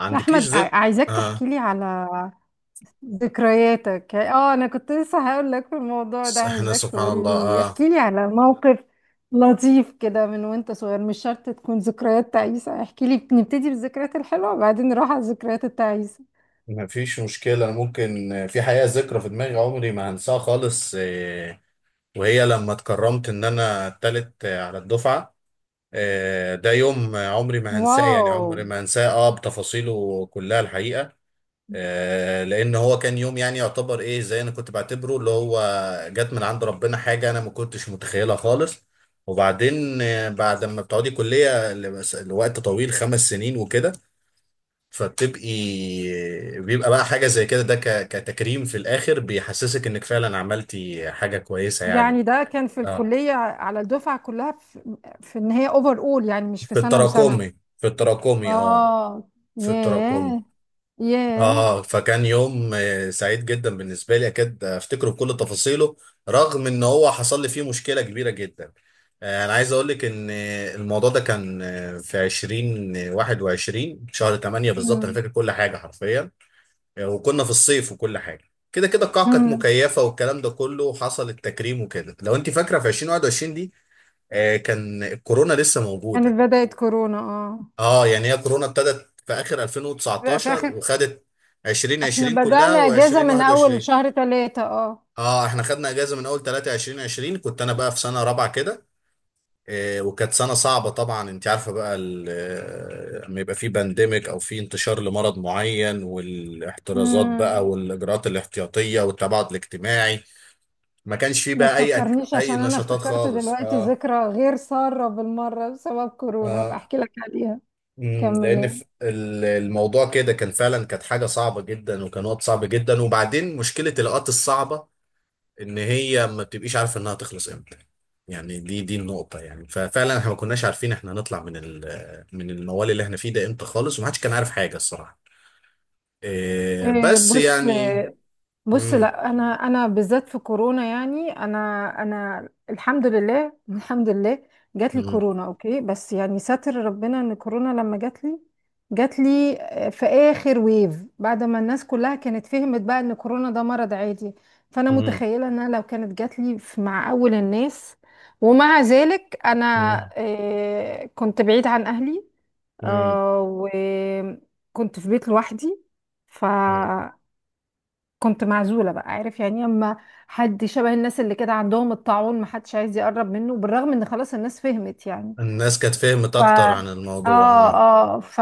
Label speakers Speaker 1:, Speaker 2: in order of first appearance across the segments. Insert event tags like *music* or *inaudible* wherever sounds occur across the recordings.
Speaker 1: عندكيش
Speaker 2: احمد
Speaker 1: ذكر
Speaker 2: عايزاك تحكي
Speaker 1: اه
Speaker 2: لي على ذكرياتك. اه انا كنت لسه هقول لك في الموضوع ده،
Speaker 1: بس احنا
Speaker 2: عايزاك
Speaker 1: سبحان
Speaker 2: تقول
Speaker 1: الله.
Speaker 2: لي،
Speaker 1: اه
Speaker 2: احكي لي على موقف لطيف كده من وانت صغير، مش شرط تكون ذكريات تعيسة. احكي لي، نبتدي بالذكريات الحلوة وبعدين نروح على الذكريات التعيسة.
Speaker 1: مفيش مشكلة، ممكن في حقيقة ذكرى في دماغي عمري ما هنساها خالص، وهي لما اتكرمت ان انا التالت على الدفعة. ده يوم عمري ما هنساه، يعني
Speaker 2: واو.
Speaker 1: عمري ما هنساه بتفاصيله كلها الحقيقة، لان هو كان يوم، يعني يعتبر ايه، زي انا كنت بعتبره اللي هو جت من عند ربنا حاجة انا ما كنتش متخيلها خالص. وبعدين، بعد ما بتقعدي كلية لوقت طويل، 5 سنين وكده، فبتبقي بيبقى بقى حاجة زي كده، كتكريم في الآخر بيحسسك إنك فعلا عملتي حاجة كويسة يعني.
Speaker 2: يعني ده كان في
Speaker 1: اه
Speaker 2: الكلية على الدفعة كلها، في ان هي اوفر اول، يعني مش في
Speaker 1: في
Speaker 2: سنة وسنة.
Speaker 1: التراكمي، في التراكمي اه
Speaker 2: اه.
Speaker 1: في التراكمي
Speaker 2: ياه. ياه.
Speaker 1: اه. فكان يوم سعيد جدا بالنسبة لي، أكيد أفتكره بكل تفاصيله رغم إن هو حصل لي فيه مشكلة كبيرة جدا. أنا عايز أقول لك إن الموضوع ده كان في 2021 شهر 8 بالظبط، أنا
Speaker 2: مم.
Speaker 1: فاكر كل حاجة حرفيا يعني. وكنا في الصيف وكل حاجه كده كده، القاعه كانت
Speaker 2: مم.
Speaker 1: مكيفه والكلام ده كله، وحصل التكريم وكده. لو انت فاكره في 2021 دي كان الكورونا لسه موجوده.
Speaker 2: كانت بدأت كورونا، اه.
Speaker 1: اه، يعني هي كورونا ابتدت في اخر
Speaker 2: لا، في
Speaker 1: 2019
Speaker 2: اخر،
Speaker 1: وخدت
Speaker 2: احنا
Speaker 1: 2020
Speaker 2: بدأنا
Speaker 1: كلها
Speaker 2: اجازة من اول
Speaker 1: و2021.
Speaker 2: شهر ثلاثة. اه.
Speaker 1: اه، احنا خدنا اجازه من اول 3 2020، كنت انا بقى في سنه رابعه كده. وكانت سنة صعبة طبعا، انت عارفة بقى لما يبقى في بانديميك او في انتشار لمرض معين، والاحترازات بقى
Speaker 2: امم.
Speaker 1: والاجراءات الاحتياطية والتباعد الاجتماعي. ما كانش في
Speaker 2: ما
Speaker 1: بقى
Speaker 2: تفكرنيش،
Speaker 1: اي
Speaker 2: عشان انا
Speaker 1: نشاطات
Speaker 2: افتكرت
Speaker 1: خالص
Speaker 2: دلوقتي
Speaker 1: اه.
Speaker 2: ذكرى غير سارة بالمرة بسبب كورونا، هبقى
Speaker 1: اه،
Speaker 2: احكي لك عليها.
Speaker 1: لان
Speaker 2: كملي.
Speaker 1: في الموضوع كده، كان فعلا كانت حاجة صعبة جدا وكان وقت صعب جدا، وبعدين مشكلة الاوقات الصعبة ان هي ما بتبقيش عارفه انها تخلص امتى. يعني دي النقطه يعني. ففعلا احنا ما كناش عارفين احنا هنطلع من من الموال اللي احنا فيه ده امتى خالص، ومحدش كان عارف حاجه الصراحه. إيه، بس
Speaker 2: بص.
Speaker 1: يعني.
Speaker 2: بص،
Speaker 1: مم
Speaker 2: لا انا، انا في كورونا، انا انا الحمد لله *laughs* الحمد لله. جات لي
Speaker 1: مم
Speaker 2: كورونا اوكي، بس يعني ساتر ربنا ان كورونا لما جات لي، جات لي في اخر ويف، بعد ما الناس كلها كانت فهمت بقى ان كورونا ده مرض عادي. فانا
Speaker 1: مم
Speaker 2: متخيله ان انا لو كانت جات لي مع اول الناس. ومع ذلك انا
Speaker 1: مم
Speaker 2: كنت بعيد عن اهلي،
Speaker 1: مم
Speaker 2: آه وكنت في بيت لوحدي.
Speaker 1: مم.
Speaker 2: كنت معزولة بقى، عارف يعني، اما حد شبه الناس اللي كده عندهم الطاعون محدش عايز يقرب منه، بالرغم ان خلاص الناس فهمت يعني.
Speaker 1: الناس كانت فهمت
Speaker 2: ف
Speaker 1: اكتر عن
Speaker 2: اه
Speaker 1: الموضوع اه.
Speaker 2: اه ف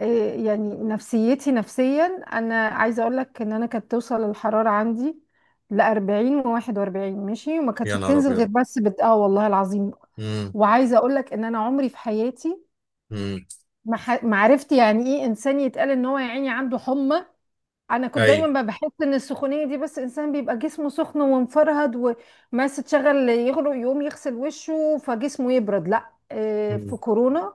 Speaker 2: إيه يعني نفسيتي نفسيا، انا عايزة اقول لك ان انا كانت توصل الحرارة عندي ل 40 و41 ماشي، وما
Speaker 1: يا
Speaker 2: كانتش
Speaker 1: نهار
Speaker 2: بتنزل غير
Speaker 1: ابيض.
Speaker 2: بس بت... والله العظيم.
Speaker 1: مم
Speaker 2: وعايزة اقول لك ان انا عمري في حياتي
Speaker 1: مم
Speaker 2: ما عرفت يعني ايه انسان يتقال ان هو يا عيني عنده حمى. انا كنت
Speaker 1: اي.
Speaker 2: دايما بحس ان السخونيه دي بس انسان بيبقى جسمه سخن ومفرهد، وماس تشغل يغرق يقوم يغسل وشه فجسمه يبرد. لا في
Speaker 1: مم.
Speaker 2: كورونا،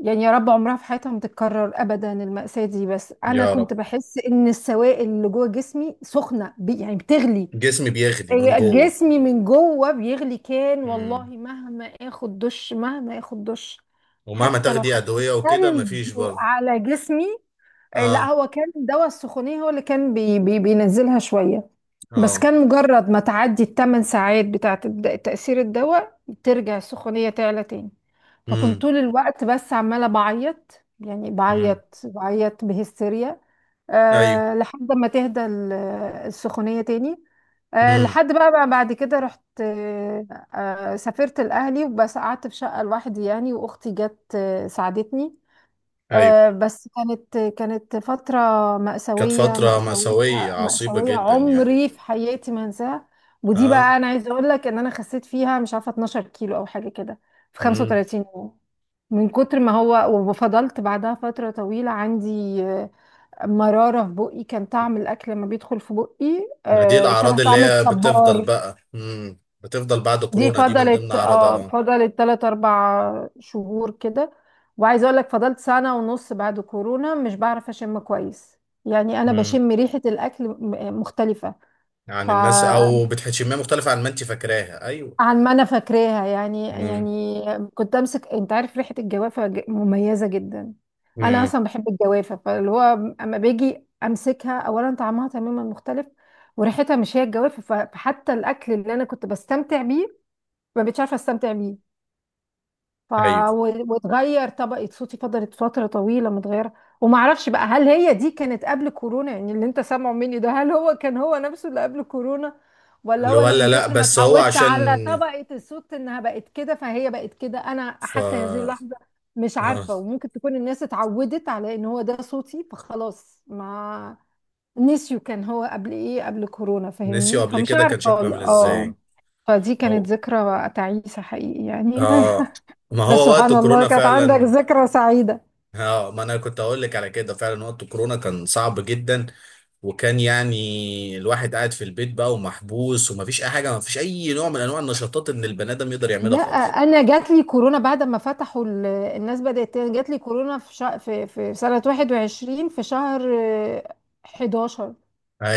Speaker 2: يعني يا رب عمرها في حياتها ما تتكرر ابدا المأساة دي. بس انا
Speaker 1: يا رب،
Speaker 2: كنت بحس ان السوائل اللي جوه جسمي سخنه يعني بتغلي.
Speaker 1: جسمي بيغلي من جوه.
Speaker 2: جسمي من جوه بيغلي كان، والله
Speaker 1: مم.
Speaker 2: مهما اخد دش، مهما اخد دش،
Speaker 1: ومهما
Speaker 2: حتى لو
Speaker 1: تاخدي
Speaker 2: حطيت
Speaker 1: ادويه وكده
Speaker 2: ثلج
Speaker 1: مفيش برضه.
Speaker 2: على جسمي. إيه، لا
Speaker 1: اه.
Speaker 2: هو كان دواء السخونية هو اللي كان بي بي بينزلها شوية، بس
Speaker 1: اه.
Speaker 2: كان مجرد ما تعدي الثمان ساعات بتاعة تأثير الدواء ترجع السخونية تعلى تاني. فكنت
Speaker 1: مم
Speaker 2: طول الوقت بس عمالة بعيط، يعني
Speaker 1: مم
Speaker 2: بعيط بهستيريا،
Speaker 1: ايوه.
Speaker 2: أه، لحد ما تهدى السخونية تاني. أه،
Speaker 1: امم.
Speaker 2: لحد بقى، بعد كده رحت، أه، سافرت الأهلي، وبس قعدت في شقة لوحدي يعني، وأختي جت ساعدتني.
Speaker 1: ايوه،
Speaker 2: بس كانت فترة
Speaker 1: كانت فترة مأساوية عصيبة
Speaker 2: مأساوية،
Speaker 1: جدا يعني.
Speaker 2: عمري في حياتي ما انساها. ودي
Speaker 1: ها.
Speaker 2: بقى انا عايزة اقول لك ان انا خسيت فيها مش عارفة 12 كيلو او حاجة كده في
Speaker 1: امم.
Speaker 2: 35 يوم، من كتر ما هو. وفضلت بعدها فترة طويلة عندي آه، مرارة في بقي. كان طعم الأكل لما بيدخل في بقي
Speaker 1: ما دي
Speaker 2: شبه
Speaker 1: الأعراض اللي
Speaker 2: طعم
Speaker 1: هي بتفضل
Speaker 2: الصبار.
Speaker 1: بقى، امم، بتفضل بعد
Speaker 2: دي ولا
Speaker 1: كورونا دي من ضمن
Speaker 2: فضلت، اه
Speaker 1: أعراضها.
Speaker 2: فضلت تلات أربع شهور كده. وعايزة أقول لك فضلت سنة ونص بعد كورونا مش بعرف أشم كويس. يعني أنا
Speaker 1: امم.
Speaker 2: بشم ريحة الأكل مختلفة، ف
Speaker 1: يعني الناس أو بتحشمها مختلفة عن ما أنت فاكراها، أيوه.
Speaker 2: عن ما أنا فاكراها يعني
Speaker 1: امم.
Speaker 2: يعني. كنت أمسك، أنت عارف ريحة الجوافة مميزة جدا. أنا
Speaker 1: امم.
Speaker 2: أصلا بحب الجوافة، فاللي هو أما باجي أمسكها، أولا طعمها تماما مختلف، وريحتها مش هي الجوافة. فحتى الأكل اللي أنا كنت بستمتع بيه، ما بقتش عارفة أستمتع بيه. ف
Speaker 1: أيوه،
Speaker 2: واتغير طبقة صوتي، فضلت فترة طويلة متغيرة. وما اعرفش بقى هل هي دي كانت قبل كورونا، يعني اللي انت سامعه مني ده هل هو كان هو نفسه اللي قبل كورونا، ولا
Speaker 1: اللي
Speaker 2: هو انا
Speaker 1: ولا
Speaker 2: من
Speaker 1: لا
Speaker 2: كتر ما
Speaker 1: بس هو
Speaker 2: اتعودت
Speaker 1: عشان
Speaker 2: على طبقة الصوت انها بقت كده فهي بقت كده. انا
Speaker 1: ف
Speaker 2: حتى هذه اللحظة مش
Speaker 1: آه.
Speaker 2: عارفة، وممكن تكون الناس اتعودت على ان هو ده صوتي فخلاص ما نسيوا كان هو قبل ايه قبل كورونا،
Speaker 1: نسيوا
Speaker 2: فاهمني،
Speaker 1: قبل
Speaker 2: فمش
Speaker 1: كده كان
Speaker 2: عارفة
Speaker 1: شكله
Speaker 2: والله.
Speaker 1: عامل
Speaker 2: اه.
Speaker 1: إزاي.
Speaker 2: فدي كانت
Speaker 1: هو
Speaker 2: ذكرى تعيسة حقيقي يعني *laughs*
Speaker 1: آه، ما
Speaker 2: بس
Speaker 1: هو وقت
Speaker 2: سبحان الله
Speaker 1: كورونا
Speaker 2: كانت عندك
Speaker 1: فعلا.
Speaker 2: ذكرى سعيدة.
Speaker 1: اه، ما انا كنت اقول لك على كده. فعلا وقت كورونا كان صعب جدا، وكان يعني الواحد قاعد في البيت بقى ومحبوس، ومفيش اي حاجه، مفيش اي نوع من انواع النشاطات ان البني ادم يقدر يعملها
Speaker 2: لا،
Speaker 1: خالص.
Speaker 2: انا جات لي كورونا بعد ما فتحوا الناس بدأت تاني، جات لي كورونا في في سنة 21 في شهر آه، 11.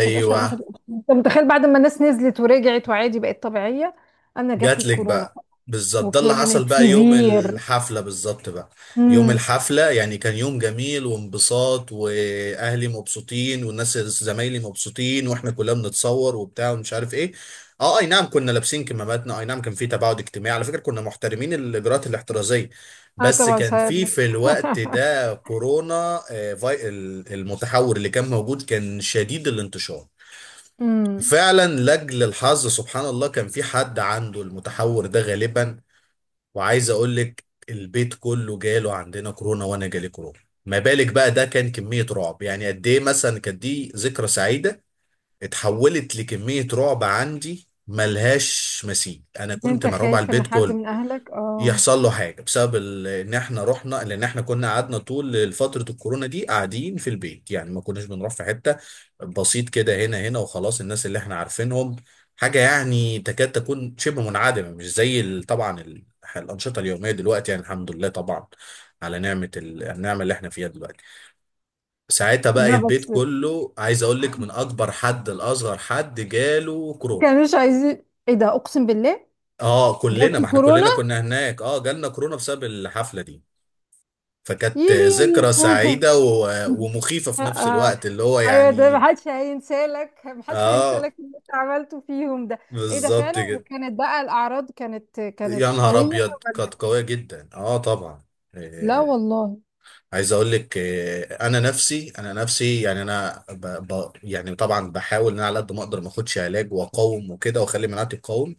Speaker 2: 11 21، انت متخيل؟ بعد ما الناس نزلت ورجعت وعادي بقت طبيعية انا جات لي
Speaker 1: جاتلك
Speaker 2: الكورونا.
Speaker 1: بقى. بالظبط، ده اللي حصل
Speaker 2: وكانت
Speaker 1: بقى يوم
Speaker 2: سيفير.
Speaker 1: الحفلة بالظبط بقى. يوم
Speaker 2: امم.
Speaker 1: الحفلة يعني كان يوم جميل، وانبساط، وأهلي مبسوطين والناس زمايلي مبسوطين، واحنا كلنا بنتصور وبتاع ومش عارف ايه. اه، اي نعم كنا لابسين كماماتنا، اي نعم كان في تباعد اجتماعي، على فكرة كنا محترمين الإجراءات الاحترازية.
Speaker 2: اه
Speaker 1: بس
Speaker 2: طبعا
Speaker 1: كان
Speaker 2: صاير
Speaker 1: في
Speaker 2: له
Speaker 1: في الوقت
Speaker 2: *laughs*
Speaker 1: ده كورونا المتحور اللي كان موجود كان شديد الانتشار.
Speaker 2: امم.
Speaker 1: فعلا لاجل الحظ سبحان الله كان في حد عنده المتحور ده غالبا. وعايز اقول لك البيت كله جاله عندنا كورونا، وانا جالي كورونا. ما بالك بقى، ده كان كمية رعب. يعني قد ايه مثلا كانت دي ذكرى سعيدة اتحولت لكمية رعب عندي ملهاش مثيل. انا كنت
Speaker 2: انت
Speaker 1: مرعوب على
Speaker 2: خايف ان
Speaker 1: البيت
Speaker 2: حد
Speaker 1: كله،
Speaker 2: من اهلك؟ اه.
Speaker 1: يحصل له حاجة بسبب ان احنا رحنا، لان احنا كنا قعدنا طول فترة الكورونا دي قاعدين في البيت، يعني ما كناش بنروح في حتة. بسيط كده، هنا وخلاص الناس اللي احنا عارفينهم، حاجة يعني تكاد تكون شبه منعدمة، مش زي الأنشطة اليومية دلوقتي يعني، الحمد لله طبعا على نعمة النعمة اللي احنا فيها دلوقتي. ساعتها بقى
Speaker 2: لا
Speaker 1: البيت
Speaker 2: بس
Speaker 1: كله، عايز اقول لك، من اكبر حد لاصغر حد جاله كورونا.
Speaker 2: كانوش عايزين ايه ده، اقسم بالله.
Speaker 1: اه كلنا، ما
Speaker 2: جالكوا
Speaker 1: احنا
Speaker 2: كورونا.
Speaker 1: كلنا كنا هناك، اه جالنا كورونا بسبب الحفلة دي. فكانت
Speaker 2: يليمي
Speaker 1: ذكرى سعيدة
Speaker 2: *laughs*
Speaker 1: ومخيفة
Speaker 2: آه.
Speaker 1: في نفس
Speaker 2: آه.
Speaker 1: الوقت اللي هو
Speaker 2: ايوه ده
Speaker 1: يعني.
Speaker 2: محدش هينسالك، محدش
Speaker 1: اه
Speaker 2: هينسالك اللي انت عملته فيهم ده. ايه ده
Speaker 1: بالظبط
Speaker 2: فعلا.
Speaker 1: كده.
Speaker 2: وكانت بقى الاعراض كانت
Speaker 1: يا نهار
Speaker 2: قويه.
Speaker 1: ابيض،
Speaker 2: ولا.
Speaker 1: كانت قوية جدا اه طبعا.
Speaker 2: لا
Speaker 1: آه،
Speaker 2: والله.
Speaker 1: عايز اقول لك انا نفسي يعني، انا ب ب يعني طبعا بحاول ان انا على قد ما اقدر ما اخدش علاج، واقاوم وكده، واخلي مناعتي تقاوم.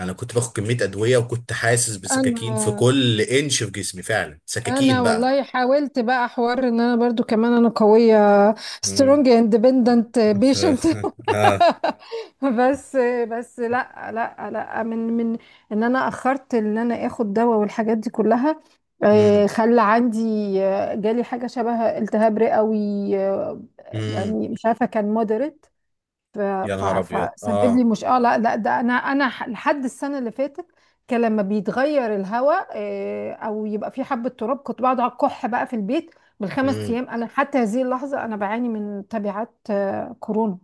Speaker 1: انا كنت باخد كمية ادوية وكنت حاسس بسكاكين في
Speaker 2: انا
Speaker 1: كل انش في جسمي، فعلا سكاكين
Speaker 2: انا
Speaker 1: بقى.
Speaker 2: والله حاولت بقى حوار ان انا برضو كمان انا قويه،
Speaker 1: مم.
Speaker 2: سترونج اندبندنت بيشنت *laughs*
Speaker 1: *laughs* اه.
Speaker 2: بس، بس لا لا لا من من ان انا اخرت ان انا اخد دواء والحاجات دي كلها
Speaker 1: مم.
Speaker 2: خلى عندي جالي حاجه شبه التهاب رئوي آه،
Speaker 1: مم.
Speaker 2: يعني مش عارفه كان مودريت،
Speaker 1: يا نهار ابيض
Speaker 2: فسبب لي
Speaker 1: اه.
Speaker 2: مش اه لا لا ده انا لحد السنه اللي فاتت، كان لما بيتغير الهواء او يبقى في حبه تراب كنت بقعد على الكح بقى في البيت بالخمس
Speaker 1: امم.
Speaker 2: ايام. انا حتى هذه اللحظه انا بعاني من تبعات كورونا.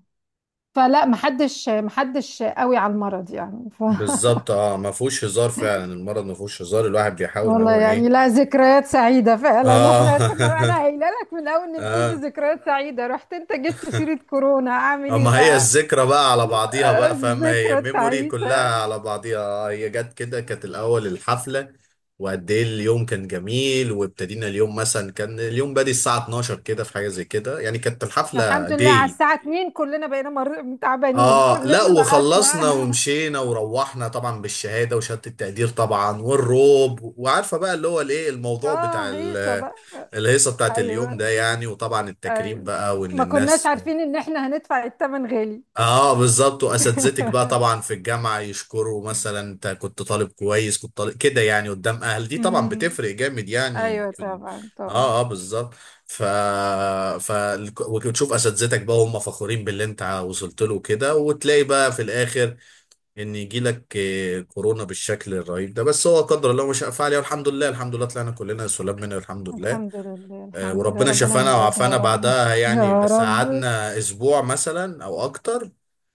Speaker 2: فلا محدش، محدش قوي على المرض يعني *laughs*
Speaker 1: بالظبط اه، ما فيهوش هزار، فعلا المرض ما فيهوش هزار، الواحد بيحاول ان
Speaker 2: والله
Speaker 1: هو ايه.
Speaker 2: يعني لا، ذكريات سعيدة فعلا
Speaker 1: اه
Speaker 2: احنا كنا، انا
Speaker 1: *laughs*
Speaker 2: قايله لك من اول نبتدي
Speaker 1: اه.
Speaker 2: ذكريات سعيدة، رحت انت جبت سيرة كورونا، اعمل ايه
Speaker 1: اما هي
Speaker 2: بقى؟
Speaker 1: الذكرى بقى على بعضيها بقى، فاهمة، هي
Speaker 2: الذكرى
Speaker 1: ميموري كلها
Speaker 2: التعيسة.
Speaker 1: على بعضيها. هي جت كده، كانت الاول الحفلة وقد ايه اليوم كان جميل، وابتدينا اليوم مثلا، كان اليوم بادي الساعة 12 كده، في حاجة زي كده يعني، كانت الحفلة
Speaker 2: الحمد لله، على
Speaker 1: داي.
Speaker 2: الساعة 2 كلنا بقينا تعبانين
Speaker 1: اه
Speaker 2: كلنا
Speaker 1: لا،
Speaker 2: بقى
Speaker 1: وخلصنا
Speaker 2: *laughs*
Speaker 1: ومشينا وروحنا طبعا بالشهاده وشهاده التقدير طبعا والروب، وعارفه بقى اللي هو الايه، الموضوع بتاع
Speaker 2: اه هيصة بقى.
Speaker 1: الهيصه بتاعت اليوم ده
Speaker 2: ايوه.
Speaker 1: يعني، وطبعا التكريم
Speaker 2: ايوه.
Speaker 1: بقى، وان
Speaker 2: ما كناش
Speaker 1: الناس.
Speaker 2: عارفين ان احنا هندفع الثمن غالي
Speaker 1: اه بالظبط، واساتذتك بقى
Speaker 2: *laughs*
Speaker 1: طبعا في الجامعه يشكروا، مثلا انت كنت طالب كويس، كنت طالب كده يعني، قدام اهل دي طبعا
Speaker 2: أمم.
Speaker 1: بتفرق جامد يعني
Speaker 2: ايوه
Speaker 1: في ال...
Speaker 2: طبعا
Speaker 1: اه
Speaker 2: طبعا.
Speaker 1: اه بالظبط. ف ف وتشوف اساتذتك بقى هم فخورين باللي انت وصلت له كده، وتلاقي بقى في الاخر ان يجي لك كورونا بالشكل الرهيب ده. بس هو قدر الله ما شاء فعل، والحمد لله الحمد لله طلعنا كلنا سلام منه الحمد لله.
Speaker 2: الحمد لله الحمد لله،
Speaker 1: وربنا
Speaker 2: ربنا ما
Speaker 1: شفانا
Speaker 2: يعيدها
Speaker 1: وعافانا
Speaker 2: يا رب.
Speaker 1: بعدها يعني،
Speaker 2: يا
Speaker 1: بس
Speaker 2: رب.
Speaker 1: قعدنا اسبوع مثلا او اكتر.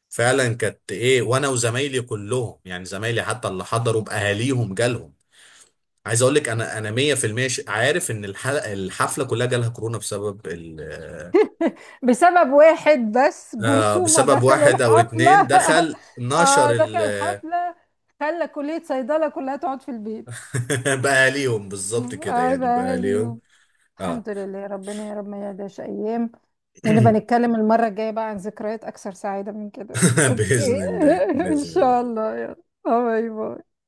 Speaker 1: فعلا كانت ايه، وانا وزمايلي كلهم يعني، زمايلي حتى اللي حضروا باهاليهم جالهم. عايز اقول لك انا 100% عارف ان الحفله كلها جالها كورونا بسبب
Speaker 2: بسبب واحد بس، جرثومة
Speaker 1: بسبب
Speaker 2: دخل
Speaker 1: واحد او
Speaker 2: الحفلة *laughs*
Speaker 1: اتنين دخل نشر
Speaker 2: اه دخل الحفلة، خلى كلية صيدلة كلها تقعد في البيت.
Speaker 1: *laughs* باهاليهم بالظبط كده يعني
Speaker 2: عيبها
Speaker 1: باهاليهم.
Speaker 2: ليهم.
Speaker 1: اه
Speaker 2: الحمد لله، ربنا يا رب ما يعيدهاش أيام. ونبقى
Speaker 1: *coughs*
Speaker 2: نتكلم المرة الجاية بقى عن ذكريات أكثر سعادة من كده،
Speaker 1: *clears throat*
Speaker 2: أوكي؟
Speaker 1: باذن الله
Speaker 2: *laughs* إن
Speaker 1: باذن
Speaker 2: شاء
Speaker 1: الله
Speaker 2: الله، يلا، باي باي.